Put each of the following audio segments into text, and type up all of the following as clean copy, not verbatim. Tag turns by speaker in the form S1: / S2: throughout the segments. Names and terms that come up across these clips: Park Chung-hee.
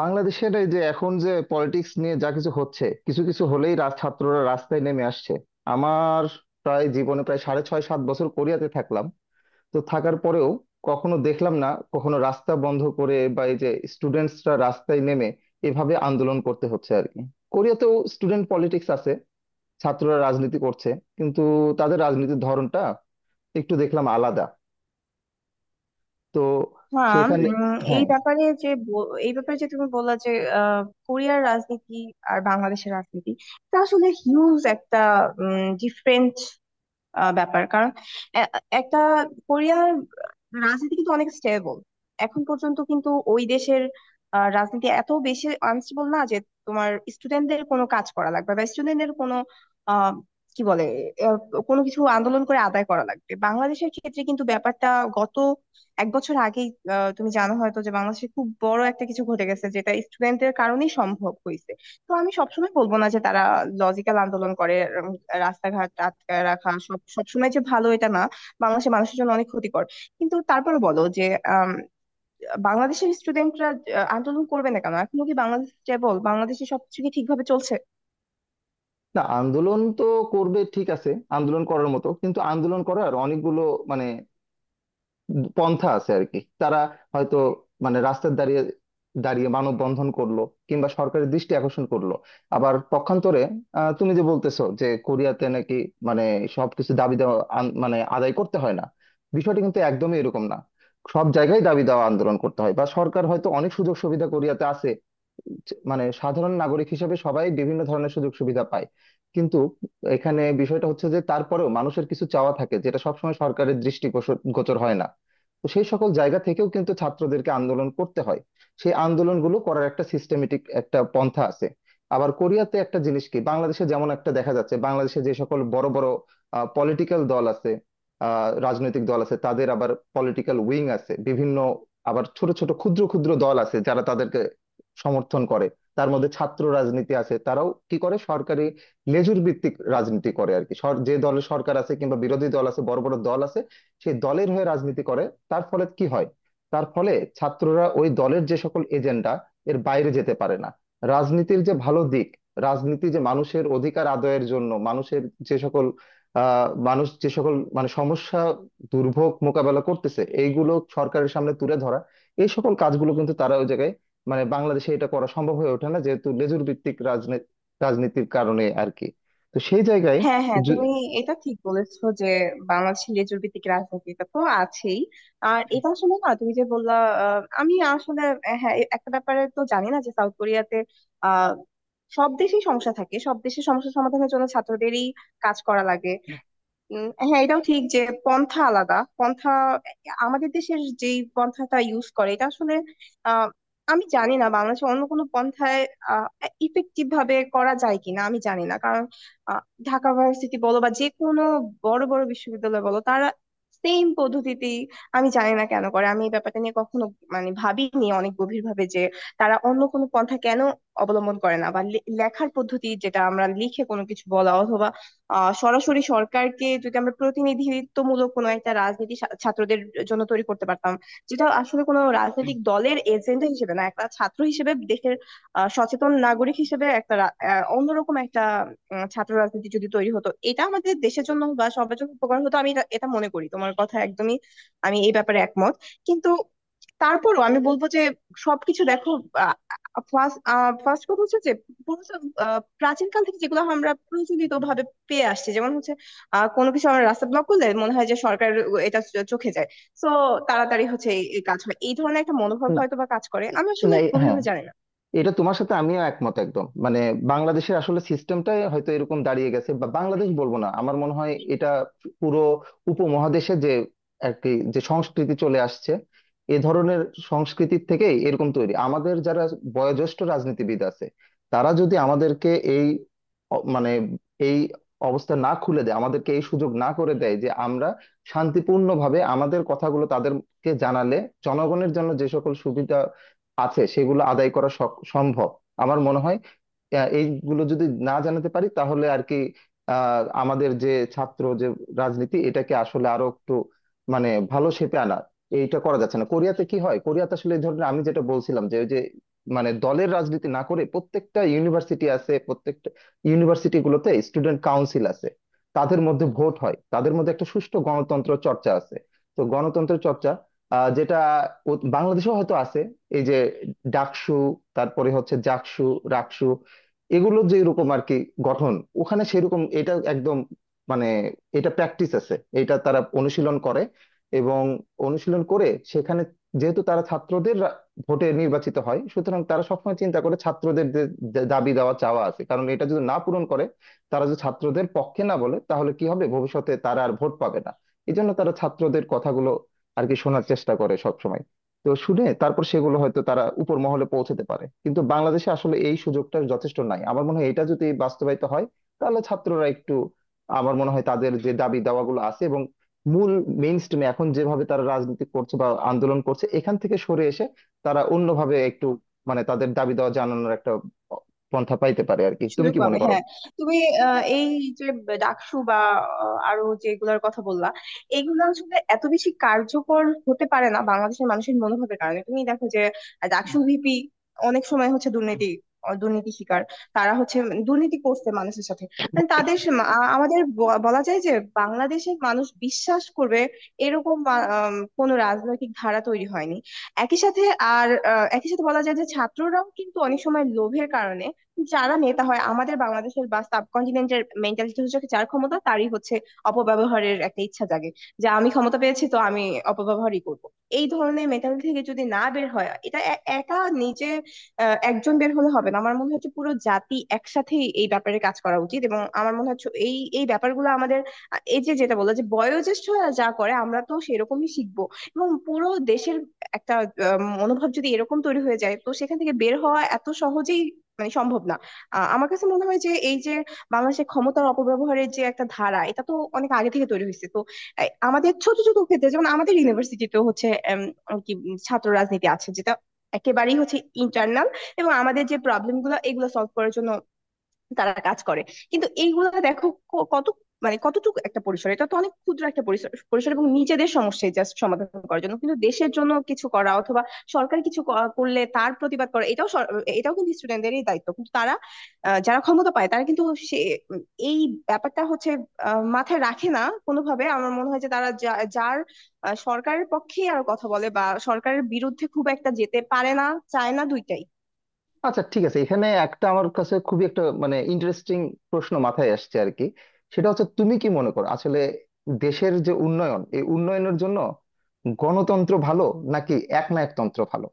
S1: বাংলাদেশের এই যে এখন যে পলিটিক্স নিয়ে যা কিছু হচ্ছে, কিছু কিছু হলেই ছাত্ররা রাস্তায় নেমে আসছে। আমার প্রায় জীবনে প্রায় সাড়ে 6-7 বছর কোরিয়াতে থাকলাম। তো থাকার পরেও কখনো দেখলাম না কখনো রাস্তা বন্ধ করে বা এই যে স্টুডেন্টসরা রাস্তায় নেমে এভাবে আন্দোলন করতে হচ্ছে আর কি। কোরিয়াতেও স্টুডেন্ট পলিটিক্স আছে, ছাত্ররা রাজনীতি করছে, কিন্তু তাদের রাজনীতির ধরনটা একটু দেখলাম আলাদা। তো
S2: হ্যাঁ
S1: সেখানে
S2: এই
S1: হ্যাঁ।
S2: ব্যাপারে যে এই ব্যাপারে যে তুমি বললা যে আহ, কোরিয়ার রাজনীতি আর বাংলাদেশের রাজনীতি এটা আসলে হিউজ একটা ডিফারেন্ট ব্যাপার। কারণ এ- একটা কোরিয়ার রাজনীতি কিন্তু অনেক স্টেবল এখন পর্যন্ত। কিন্তু ওই দেশের রাজনীতি এত বেশি আনস্টেবল না যে তোমার স্টুডেন্টদের কোনো কাজ করা লাগবে, বা স্টুডেন্টদের কোনো আহ, কি বলে আহ, কোনো কিছু আন্দোলন করে আদায় করা লাগবে। বাংলাদেশের ক্ষেত্রে কিন্তু ব্যাপারটা গত এক বছর আগেই তুমি জানো হয়তো যে বাংলাদেশে খুব বড় একটা কিছু ঘটে গেছে যেটা স্টুডেন্টদের কারণেই সম্ভব হয়েছে। তো আমি সবসময় বলবো না যে তারা লজিক্যাল আন্দোলন করে। উম, রাস্তাঘাট আটকায় রাখা সবসময় যে ভালো, এটা না। বাংলাদেশের মানুষের জন্য অনেক ক্ষতিকর। কিন্তু তারপরে বলো যে আম, বাংলাদেশের স্টুডেন্টরা আন্দোলন করবে না কেন? এখনো কি বাংলাদেশ স্টেবল? বাংলাদেশে সবকিছু কি ঠিকভাবে চলছে?
S1: না, আন্দোলন তো করবে ঠিক আছে, আন্দোলন করার মতো, কিন্তু আন্দোলন করার অনেকগুলো মানে পন্থা আছে আর কি। তারা হয়তো মানে রাস্তায় দাঁড়িয়ে দাঁড়িয়ে মানববন্ধন করলো কিংবা সরকারের দৃষ্টি আকর্ষণ করলো। আবার পক্ষান্তরে, তুমি যে বলতেছো যে কোরিয়াতে নাকি মানে সবকিছু দাবি দেওয়া মানে আদায় করতে হয় না, বিষয়টা কিন্তু একদমই এরকম না। সব জায়গায় দাবি দেওয়া আন্দোলন করতে হয়, বা সরকার হয়তো অনেক সুযোগ সুবিধা কোরিয়াতে আছে, মানে সাধারণ নাগরিক হিসেবে সবাই বিভিন্ন ধরনের সুযোগ সুবিধা পায়। কিন্তু এখানে বিষয়টা হচ্ছে যে তারপরেও মানুষের কিছু চাওয়া থাকে যেটা সবসময় সরকারের দৃষ্টি গোচর হয় না। তো সেই সকল জায়গা থেকেও কিন্তু ছাত্রদেরকে আন্দোলন করতে হয়, সেই আন্দোলনগুলো করার একটা সিস্টেমেটিক একটা পন্থা আছে। আবার কোরিয়াতে একটা জিনিস কি, বাংলাদেশে যেমন একটা দেখা যাচ্ছে, বাংলাদেশে যে সকল বড় বড় পলিটিক্যাল দল আছে, রাজনৈতিক দল আছে, তাদের আবার পলিটিক্যাল উইং আছে বিভিন্ন, আবার ছোট ছোট ক্ষুদ্র ক্ষুদ্র দল আছে যারা তাদেরকে সমর্থন করে। তার মধ্যে ছাত্র রাজনীতি আছে, তারাও কি করে, সরকারি লেজুর ভিত্তিক রাজনীতি করে আর কি। যে দলের সরকার আছে কিংবা বিরোধী দল আছে, বড় বড় দল আছে, সেই দলের হয়ে রাজনীতি করে। তার ফলে কি হয়, তার ফলে ছাত্ররা ওই দলের যে সকল এজেন্ডা, এর বাইরে যেতে পারে না। রাজনীতির যে ভালো দিক, রাজনীতি যে মানুষের অধিকার আদায়ের জন্য, মানুষের যে সকল মানুষ যে সকল মানে সমস্যা দুর্ভোগ মোকাবেলা করতেছে এইগুলো সরকারের সামনে তুলে ধরা, এই সকল কাজগুলো কিন্তু তারা ওই জায়গায় মানে বাংলাদেশে এটা করা সম্ভব হয়ে ওঠে না, যেহেতু লেজুর ভিত্তিক রাজনীতি রাজনীতির কারণে আর কি। তো সেই জায়গায়
S2: হ্যাঁ হ্যাঁ,
S1: জু-
S2: তুমি এটা ঠিক বলেছো যে বাংলাদেশে লেজুর ভিত্তিক রাজনীতি এটা তো আছেই। আর এটা আসলে না, তুমি যে বললা, আমি আসলে হ্যাঁ একটা ব্যাপারে তো জানি না যে সাউথ কোরিয়াতে আহ সব দেশেই সমস্যা থাকে, সব দেশে সমস্যা সমাধানের জন্য ছাত্রদেরই কাজ করা লাগে। হ্যাঁ এটাও ঠিক যে পন্থা আলাদা। পন্থা আমাদের দেশের যেই পন্থাটা ইউজ করে, এটা আসলে আহ, আমি জানি না বাংলাদেশে অন্য কোনো পন্থায় ইফেক্টিভ ভাবে করা যায় কিনা। আমি জানি না কারণ আহ, ঢাকা ভার্সিটি বলো বা যে কোনো বড় বড় বিশ্ববিদ্যালয় বলো, তারা সেম পদ্ধতিতেই। আমি জানি না কেন করে, আমি এই ব্যাপারটা নিয়ে কখনো মানে ভাবিনি অনেক গভীর ভাবে যে তারা অন্য কোনো পন্থা কেন অবলম্বন করে না। বা লেখার পদ্ধতি, যেটা আমরা লিখে কোনো কিছু বলা, অথবা সরাসরি সরকারকে। যদি আমরা প্রতিনিধিত্বমূলক কোনো একটা রাজনীতি ছাত্রদের জন্য তৈরি করতে পারতাম, যেটা আসলে কোনো রাজনৈতিক দলের এজেন্ডা হিসেবে না, একটা ছাত্র হিসেবে দেশের সচেতন নাগরিক হিসেবে একটা অন্যরকম একটা ছাত্র রাজনীতি যদি তৈরি হতো, এটা আমাদের দেশের জন্য বা সবার জন্য উপকার হতো। আমি এটা এটা মনে করি, তোমার কথা একদমই আমি এই ব্যাপারে একমত। কিন্তু তারপরও আমি বলবো যে সবকিছু দেখো। ফার্স্ট, কথা হচ্ছে যে পুরো সব, প্রাচীনকাল থেকে যেগুলো আমরা প্রচলিত ভাবে পেয়ে আসছি, যেমন হচ্ছে কোনো কিছু আমরা রাস্তা ব্লক করলে মনে হয় যে সরকার এটা চোখে যায়। তো তাড়াতাড়ি হচ্ছে এই এই কাজ হয়। এই ধরনের একটা মনোভাব
S1: না
S2: হয়তো বা কাজ করে,
S1: এ-
S2: আমি আসলে
S1: না, হ্যাঁ,
S2: গভীরভাবে জানি না।
S1: এটা তোমার সাথে আমিও একমত একদম। মানে বাংলাদেশের আসলে সিস্টেমটাই হয়তো এরকম দাঁড়িয়ে গেছে, বা বাংলাদেশ বলবো না, আমার মনে হয় এটা পুরো উপমহাদেশে যে আর কি যে সংস্কৃতি চলে আসছে, এ ধরনের সংস্কৃতির থেকেই এরকম তৈরি। আমাদের যারা বয়োজ্যেষ্ঠ রাজনীতিবিদ আছে, তারা যদি আমাদেরকে এই মানে এই অবস্থা না খুলে দেয়, আমাদেরকে এই সুযোগ না করে দেয় যে আমরা শান্তিপূর্ণভাবে আমাদের কথাগুলো তাদেরকে জানালে জনগণের জন্য যে সকল সুবিধা আছে সেগুলো আদায় করা সম্ভব, আমার মনে হয়। এইগুলো যদি না জানাতে পারি তাহলে আর কি আমাদের যে ছাত্র যে রাজনীতি, এটাকে আসলে আরো একটু মানে ভালো শেপে আনা, এইটা করা যাচ্ছে না। কোরিয়াতে কি হয়, কোরিয়াতে আসলে এই ধরনের আমি যেটা বলছিলাম যে ওই যে মানে দলের রাজনীতি না করে প্রত্যেকটা ইউনিভার্সিটি আছে, প্রত্যেকটা ইউনিভার্সিটি গুলোতে স্টুডেন্ট কাউন্সিল আছে, তাদের মধ্যে ভোট হয়, তাদের মধ্যে একটা সুষ্ঠু গণতন্ত্র চর্চা আছে। তো গণতন্ত্র চর্চা যেটা বাংলাদেশেও হয়তো আছে, এই যে ডাকসু, তারপরে হচ্ছে জাকসু, রাকসু, এগুলো যে এরকম আর কি গঠন। ওখানে সেরকম এটা একদম মানে এটা প্র্যাকটিস আছে, এটা তারা অনুশীলন করে, এবং অনুশীলন করে সেখানে, যেহেতু তারা ছাত্রদের ভোটে নির্বাচিত হয়, সুতরাং তারা সবসময় চিন্তা করে ছাত্রদের যে যে দাবি দেওয়া চাওয়া আছে, কারণ এটা যদি না পূরণ করে, তারা যদি ছাত্রদের পক্ষে না বলে তাহলে কি হবে, ভবিষ্যতে তারা আর ভোট পাবে না। এই জন্য তারা ছাত্রদের কথাগুলো আর কি শোনার চেষ্টা করে সবসময়। তো শুনে তারপর সেগুলো হয়তো তারা উপর মহলে পৌঁছাতে পারে। কিন্তু বাংলাদেশে আসলে এই সুযোগটা যথেষ্ট নাই। আমার মনে হয় এটা যদি বাস্তবায়িত হয় তাহলে ছাত্ররা একটু, আমার মনে হয়, তাদের যে দাবি দাওয়াগুলো আছে এবং মূল মেইন স্ট্রিমে এখন যেভাবে তারা রাজনীতি করছে বা আন্দোলন করছে এখান থেকে সরে এসে তারা অন্যভাবে একটু মানে তাদের দাবি দাওয়া জানানোর একটা পন্থা পাইতে পারে আর কি। তুমি
S2: সুযোগ
S1: কি
S2: পাবে,
S1: মনে করো?
S2: হ্যাঁ। তুমি এই যে ডাকসু বা আরো যেগুলোর কথা বললা, এগুলো আসলে এত বেশি কার্যকর হতে পারে না বাংলাদেশের মানুষের মনোভাবের কারণে। তুমি দেখো যে ডাকসু ভিপি অনেক সময় হচ্ছে দুর্নীতি, শিকার। তারা হচ্ছে দুর্নীতি করছে মানুষের সাথে। মানে তাদের আমাদের বলা যায় যে বাংলাদেশের মানুষ বিশ্বাস করবে এরকম কোনো রাজনৈতিক ধারা তৈরি হয়নি একই সাথে। আর একই সাথে বলা যায় যে ছাত্ররাও কিন্তু অনেক সময় লোভের কারণে, যারা নেতা হয়, আমাদের বাংলাদেশের বা সাবকন্টিনেন্টের মেন্টালিটি হচ্ছে যার ক্ষমতা তারই হচ্ছে অপব্যবহারের একটা ইচ্ছা জাগে। যে আমি ক্ষমতা পেয়েছি, তো আমি অপব্যবহারই করব। এই ধরনের মেন্টালিটি থেকে যদি না বের হয়, এটা একা নিজে একজন বের হলে হবে না। আমার মনে হচ্ছে পুরো জাতি একসাথেই এই ব্যাপারে কাজ করা উচিত। এবং আমার মনে হচ্ছে এই এই ব্যাপারগুলো আমাদের এই যে যেটা বললো যে বয়োজ্যেষ্ঠরা যা করে আমরা তো সেরকমই শিখবো। এবং পুরো দেশের একটা মনোভাব যদি এরকম তৈরি হয়ে যায়, তো সেখান থেকে বের হওয়া এত সহজেই মানে সম্ভব না। আমার কাছে মনে হয় যে এই যে বাংলাদেশের ক্ষমতার অপব্যবহারের যে একটা ধারা, এটা তো অনেক আগে থেকে তৈরি হয়েছে। তো এই আমাদের ছোট ছোট ক্ষেত্রে, যেমন আমাদের ইউনিভার্সিটিতেও হচ্ছে এম, কি ছাত্র রাজনীতি আছে, যেটা একেবারেই হচ্ছে ইন্টারনাল। এবং আমাদের যে প্রবলেম গুলো, এগুলো সলভ করার জন্য তারা কাজ করে। কিন্তু এইগুলো দেখো কত মানে কতটুকু একটা পরিসর, এটা তো অনেক ক্ষুদ্র একটা পরিসর পরিসর, এবং নিজেদের সমস্যায় জাস্ট সমাধান করার জন্য। কিন্তু দেশের জন্য কিছু করা, অথবা সরকার কিছু করলে তার প্রতিবাদ করা, এটাও কিন্তু স্টুডেন্টদেরই দায়িত্ব। কিন্তু তারা যারা ক্ষমতা পায় তারা কিন্তু সে উম, এই ব্যাপারটা হচ্ছে মাথায় রাখে না কোনোভাবে। আমার মনে হয় যে তারা যার সরকারের পক্ষেই আর কথা বলে, বা সরকারের বিরুদ্ধে খুব একটা যেতে পারে না, চায় না, দুইটাই।
S1: আচ্ছা ঠিক আছে, এখানে একটা আমার কাছে খুবই একটা মানে ইন্টারেস্টিং প্রশ্ন মাথায় আসছে আর কি। সেটা হচ্ছে তুমি কি মনে করো আসলে দেশের যে উন্নয়ন, এই উন্নয়নের জন্য গণতন্ত্র ভালো নাকি একনায়কতন্ত্র ভালো?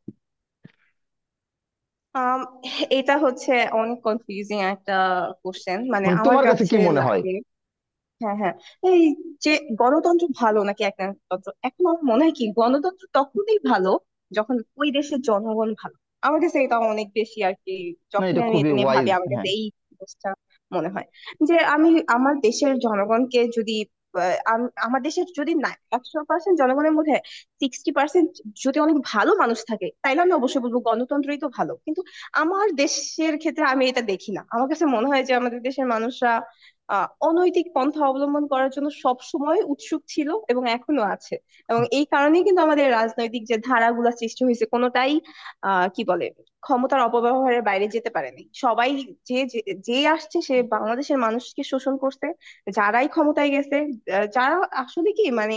S2: আম এটা হচ্ছে অনেক কনফিউজিং একটা কোশ্চেন, মানে
S1: মানে
S2: আমার
S1: তোমার কাছে কি
S2: কাছে
S1: মনে হয়?
S2: লাগে। হ্যাঁ হ্যাঁ, এই যে গণতন্ত্র ভালো নাকি একনায়কতন্ত্র, এখন আমার মনে হয় কি গণতন্ত্র তখনই ভালো যখন ওই দেশের জনগণ ভালো। আমার কাছে এটা অনেক বেশি, আর কি,
S1: না,
S2: যখন
S1: এটা
S2: আমি
S1: খুবই
S2: এটা নিয়ে
S1: ওয়াইজ।
S2: ভাবি আমার কাছে এই জিনিসটা মনে হয় যে আমি আমার দেশের জনগণকে যদি আমার দেশের যদি না 100% জনগণের মধ্যে 60% যদি অনেক ভালো মানুষ থাকে, তাইলে আমি অবশ্যই বলবো গণতন্ত্রই তো ভালো। কিন্তু আমার দেশের ক্ষেত্রে আমি এটা দেখি না। আমার কাছে মনে হয় যে আমাদের দেশের মানুষরা অনৈতিক পন্থা অবলম্বন করার জন্য সব সময় উৎসুক ছিল এবং এখনো আছে। এবং এই কারণেই কিন্তু আমাদের রাজনৈতিক যে ধারাগুলা সৃষ্টি হয়েছে কোনোটাই আহ কি বলে ক্ষমতার অপব্যবহারের বাইরে যেতে পারেনি সবাই। যে যে যে আসছে, সে বাংলাদেশের মানুষকে শোষণ করছে। যারাই ক্ষমতায় গেছে যারা আসলে কি মানে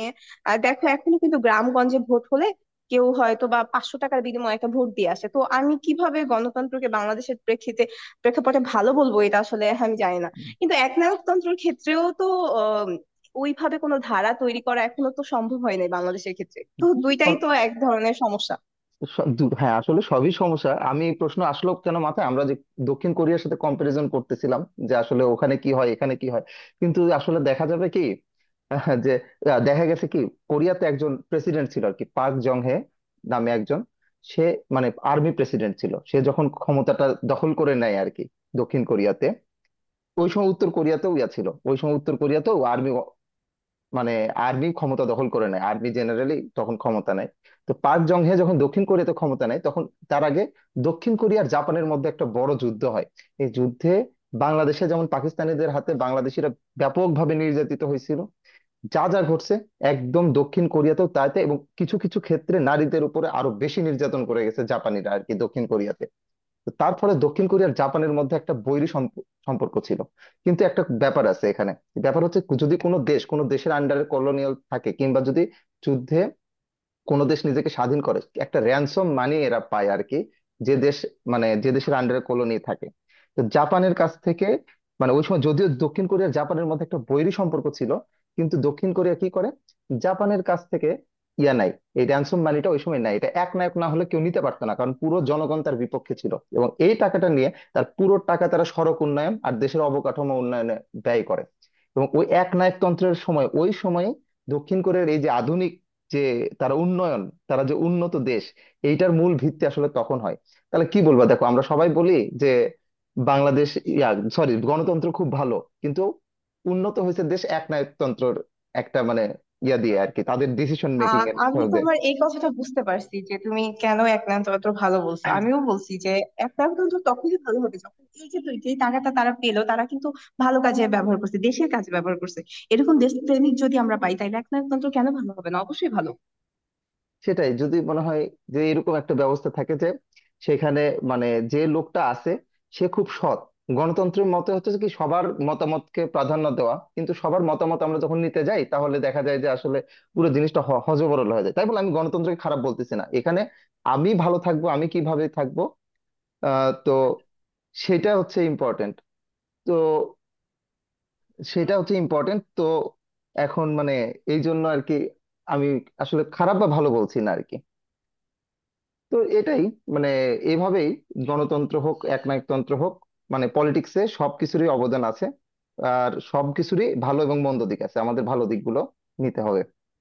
S2: দেখো এখনো কিন্তু গ্রামগঞ্জে ভোট হলে কেউ হয়তো বা 500 টাকার বিনিময়ে একটা ভোট দিয়ে আসে। তো আমি কিভাবে গণতন্ত্রকে বাংলাদেশের প্রেক্ষিতে প্রেক্ষাপটে ভালো বলবো, এটা আসলে আমি জানি না। কিন্তু একনায়কতন্ত্রের ক্ষেত্রেও তো আহ, ওইভাবে কোনো ধারা তৈরি করা এখনো তো সম্ভব হয় নাই বাংলাদেশের ক্ষেত্রে। তো দুইটাই
S1: হ্যাঁ,
S2: তো এক ধরনের সমস্যা।
S1: হ্যাঁ, আসলে সবই সমস্যা। আমি এই প্রশ্ন আসলো কেন মাথায়, আমরা যে দক্ষিণ কোরিয়ার সাথে কম্পারিজন করতেছিলাম, যে আসলে ওখানে কি হয় এখানে কি হয়। কিন্তু আসলে দেখা যাবে কি যে দেখা গেছে কি, কোরিয়াতে একজন প্রেসিডেন্ট ছিল আর কি, পার্ক জং হে নামে একজন। সে মানে আর্মি প্রেসিডেন্ট ছিল, সে যখন ক্ষমতাটা দখল করে নেয় আর কি দক্ষিণ কোরিয়াতে, ওই সময় উত্তর কোরিয়াতেও ছিল, ওই সময় উত্তর কোরিয়াতেও আর্মি মানে আর্মি ক্ষমতা দখল করে নেয়, আর্মি জেনারেলি তখন ক্ষমতা নেয়। তো পার্ক জং হে যখন দক্ষিণ কোরিয়াতে ক্ষমতা নেয় তখন, তার আগে দক্ষিণ কোরিয়া আর জাপানের মধ্যে একটা বড় যুদ্ধ হয়। এই যুদ্ধে, বাংলাদেশে যেমন পাকিস্তানিদের হাতে বাংলাদেশিরা ব্যাপকভাবে নির্যাতিত হয়েছিল, যা যা ঘটছে একদম দক্ষিণ কোরিয়াতেও তাইতে, এবং কিছু কিছু ক্ষেত্রে নারীদের উপরে আরো বেশি নির্যাতন করে গেছে জাপানিরা আর কি দক্ষিণ কোরিয়াতে। তো তারপরে দক্ষিণ কোরিয়ার জাপানের মধ্যে একটা বৈরী সম্পর্ক ছিল। কিন্তু একটা ব্যাপার আছে এখানে। ব্যাপার হচ্ছে যদি কোনো দেশ কোনো দেশের আন্ডারে কলোনিয়াল থাকে, কিংবা যদি যুদ্ধে কোনো দেশ নিজেকে স্বাধীন করে, একটা র্যানসম মানি এরা পায় আর কি, যে দেশ মানে যে দেশের আন্ডারে কলোনি থাকে। তো জাপানের কাছ থেকে মানে ওই সময় যদিও দক্ষিণ কোরিয়া আর জাপানের মধ্যে একটা বৈরী সম্পর্ক ছিল, কিন্তু দক্ষিণ কোরিয়া কি করে, জাপানের কাছ থেকে নাই এই র্যানসম মানিটা ওই সময় নাই। এটা এক নায়ক না হলে কেউ নিতে পারতো না, কারণ পুরো জনগণ তার বিপক্ষে ছিল। এবং এই টাকাটা নিয়ে তার পুরো টাকা তারা সড়ক উন্নয়ন আর দেশের অবকাঠামো উন্নয়নে ব্যয় করে। এবং ওই এক নায়কতন্ত্রের সময়, ওই সময়ে দক্ষিণ কোরিয়ার এই যে আধুনিক যে তারা উন্নয়ন, তারা যে উন্নত দেশ, এইটার মূল ভিত্তি আসলে তখন হয়। তাহলে কি বলবো, দেখো আমরা সবাই বলি যে বাংলাদেশ ইয়া সরি গণতন্ত্র খুব ভালো, কিন্তু উন্নত হয়েছে দেশ একনায়কতন্ত্রর একটা মানে দিয়ে আর কি, তাদের ডিসিশন মেকিং এর
S2: আমি
S1: ফলে।
S2: তোমার এই কথাটা বুঝতে পারছি যে তুমি কেন একনায়কতন্ত্র ভালো বলছো। আমিও বলছি যে একনায়কতন্ত্র তখনই ভালো হবে যখন এই যে যেই টাকাটা তারা পেলো তারা কিন্তু ভালো কাজে ব্যবহার করছে, দেশের কাজে ব্যবহার করছে। এরকম দেশপ্রেমিক যদি আমরা পাই, তাহলে একনায়কতন্ত্র কেন ভালো হবে না, অবশ্যই ভালো।
S1: সেটাই যদি মনে হয় যে এরকম একটা ব্যবস্থা থাকে, যে সেখানে মানে যে লোকটা আছে সে খুব সৎ। গণতন্ত্রের মতে হচ্ছে কি সবার মতামতকে প্রাধান্য দেওয়া, কিন্তু সবার মতামত আমরা যখন নিতে যাই তাহলে দেখা যায় যে আসলে পুরো জিনিসটা হযবরল হয়ে যায়। তাই বলে আমি গণতন্ত্রকে খারাপ বলতেছি না এখানে। আমি ভালো থাকবো, আমি কিভাবে থাকবো, তো সেটা হচ্ছে ইম্পর্টেন্ট। তো তো এখন মানে এই জন্য আর কি আমি আসলে খারাপ বা ভালো বলছি না আর কি। তো এটাই মানে এভাবেই গণতন্ত্র হোক একনায়কতন্ত্র হোক, মানে পলিটিক্সে সবকিছুরই অবদান আছে, আর সবকিছুরই ভালো এবং মন্দ দিক আছে। আমাদের ভালো দিকগুলো নিতে হবে।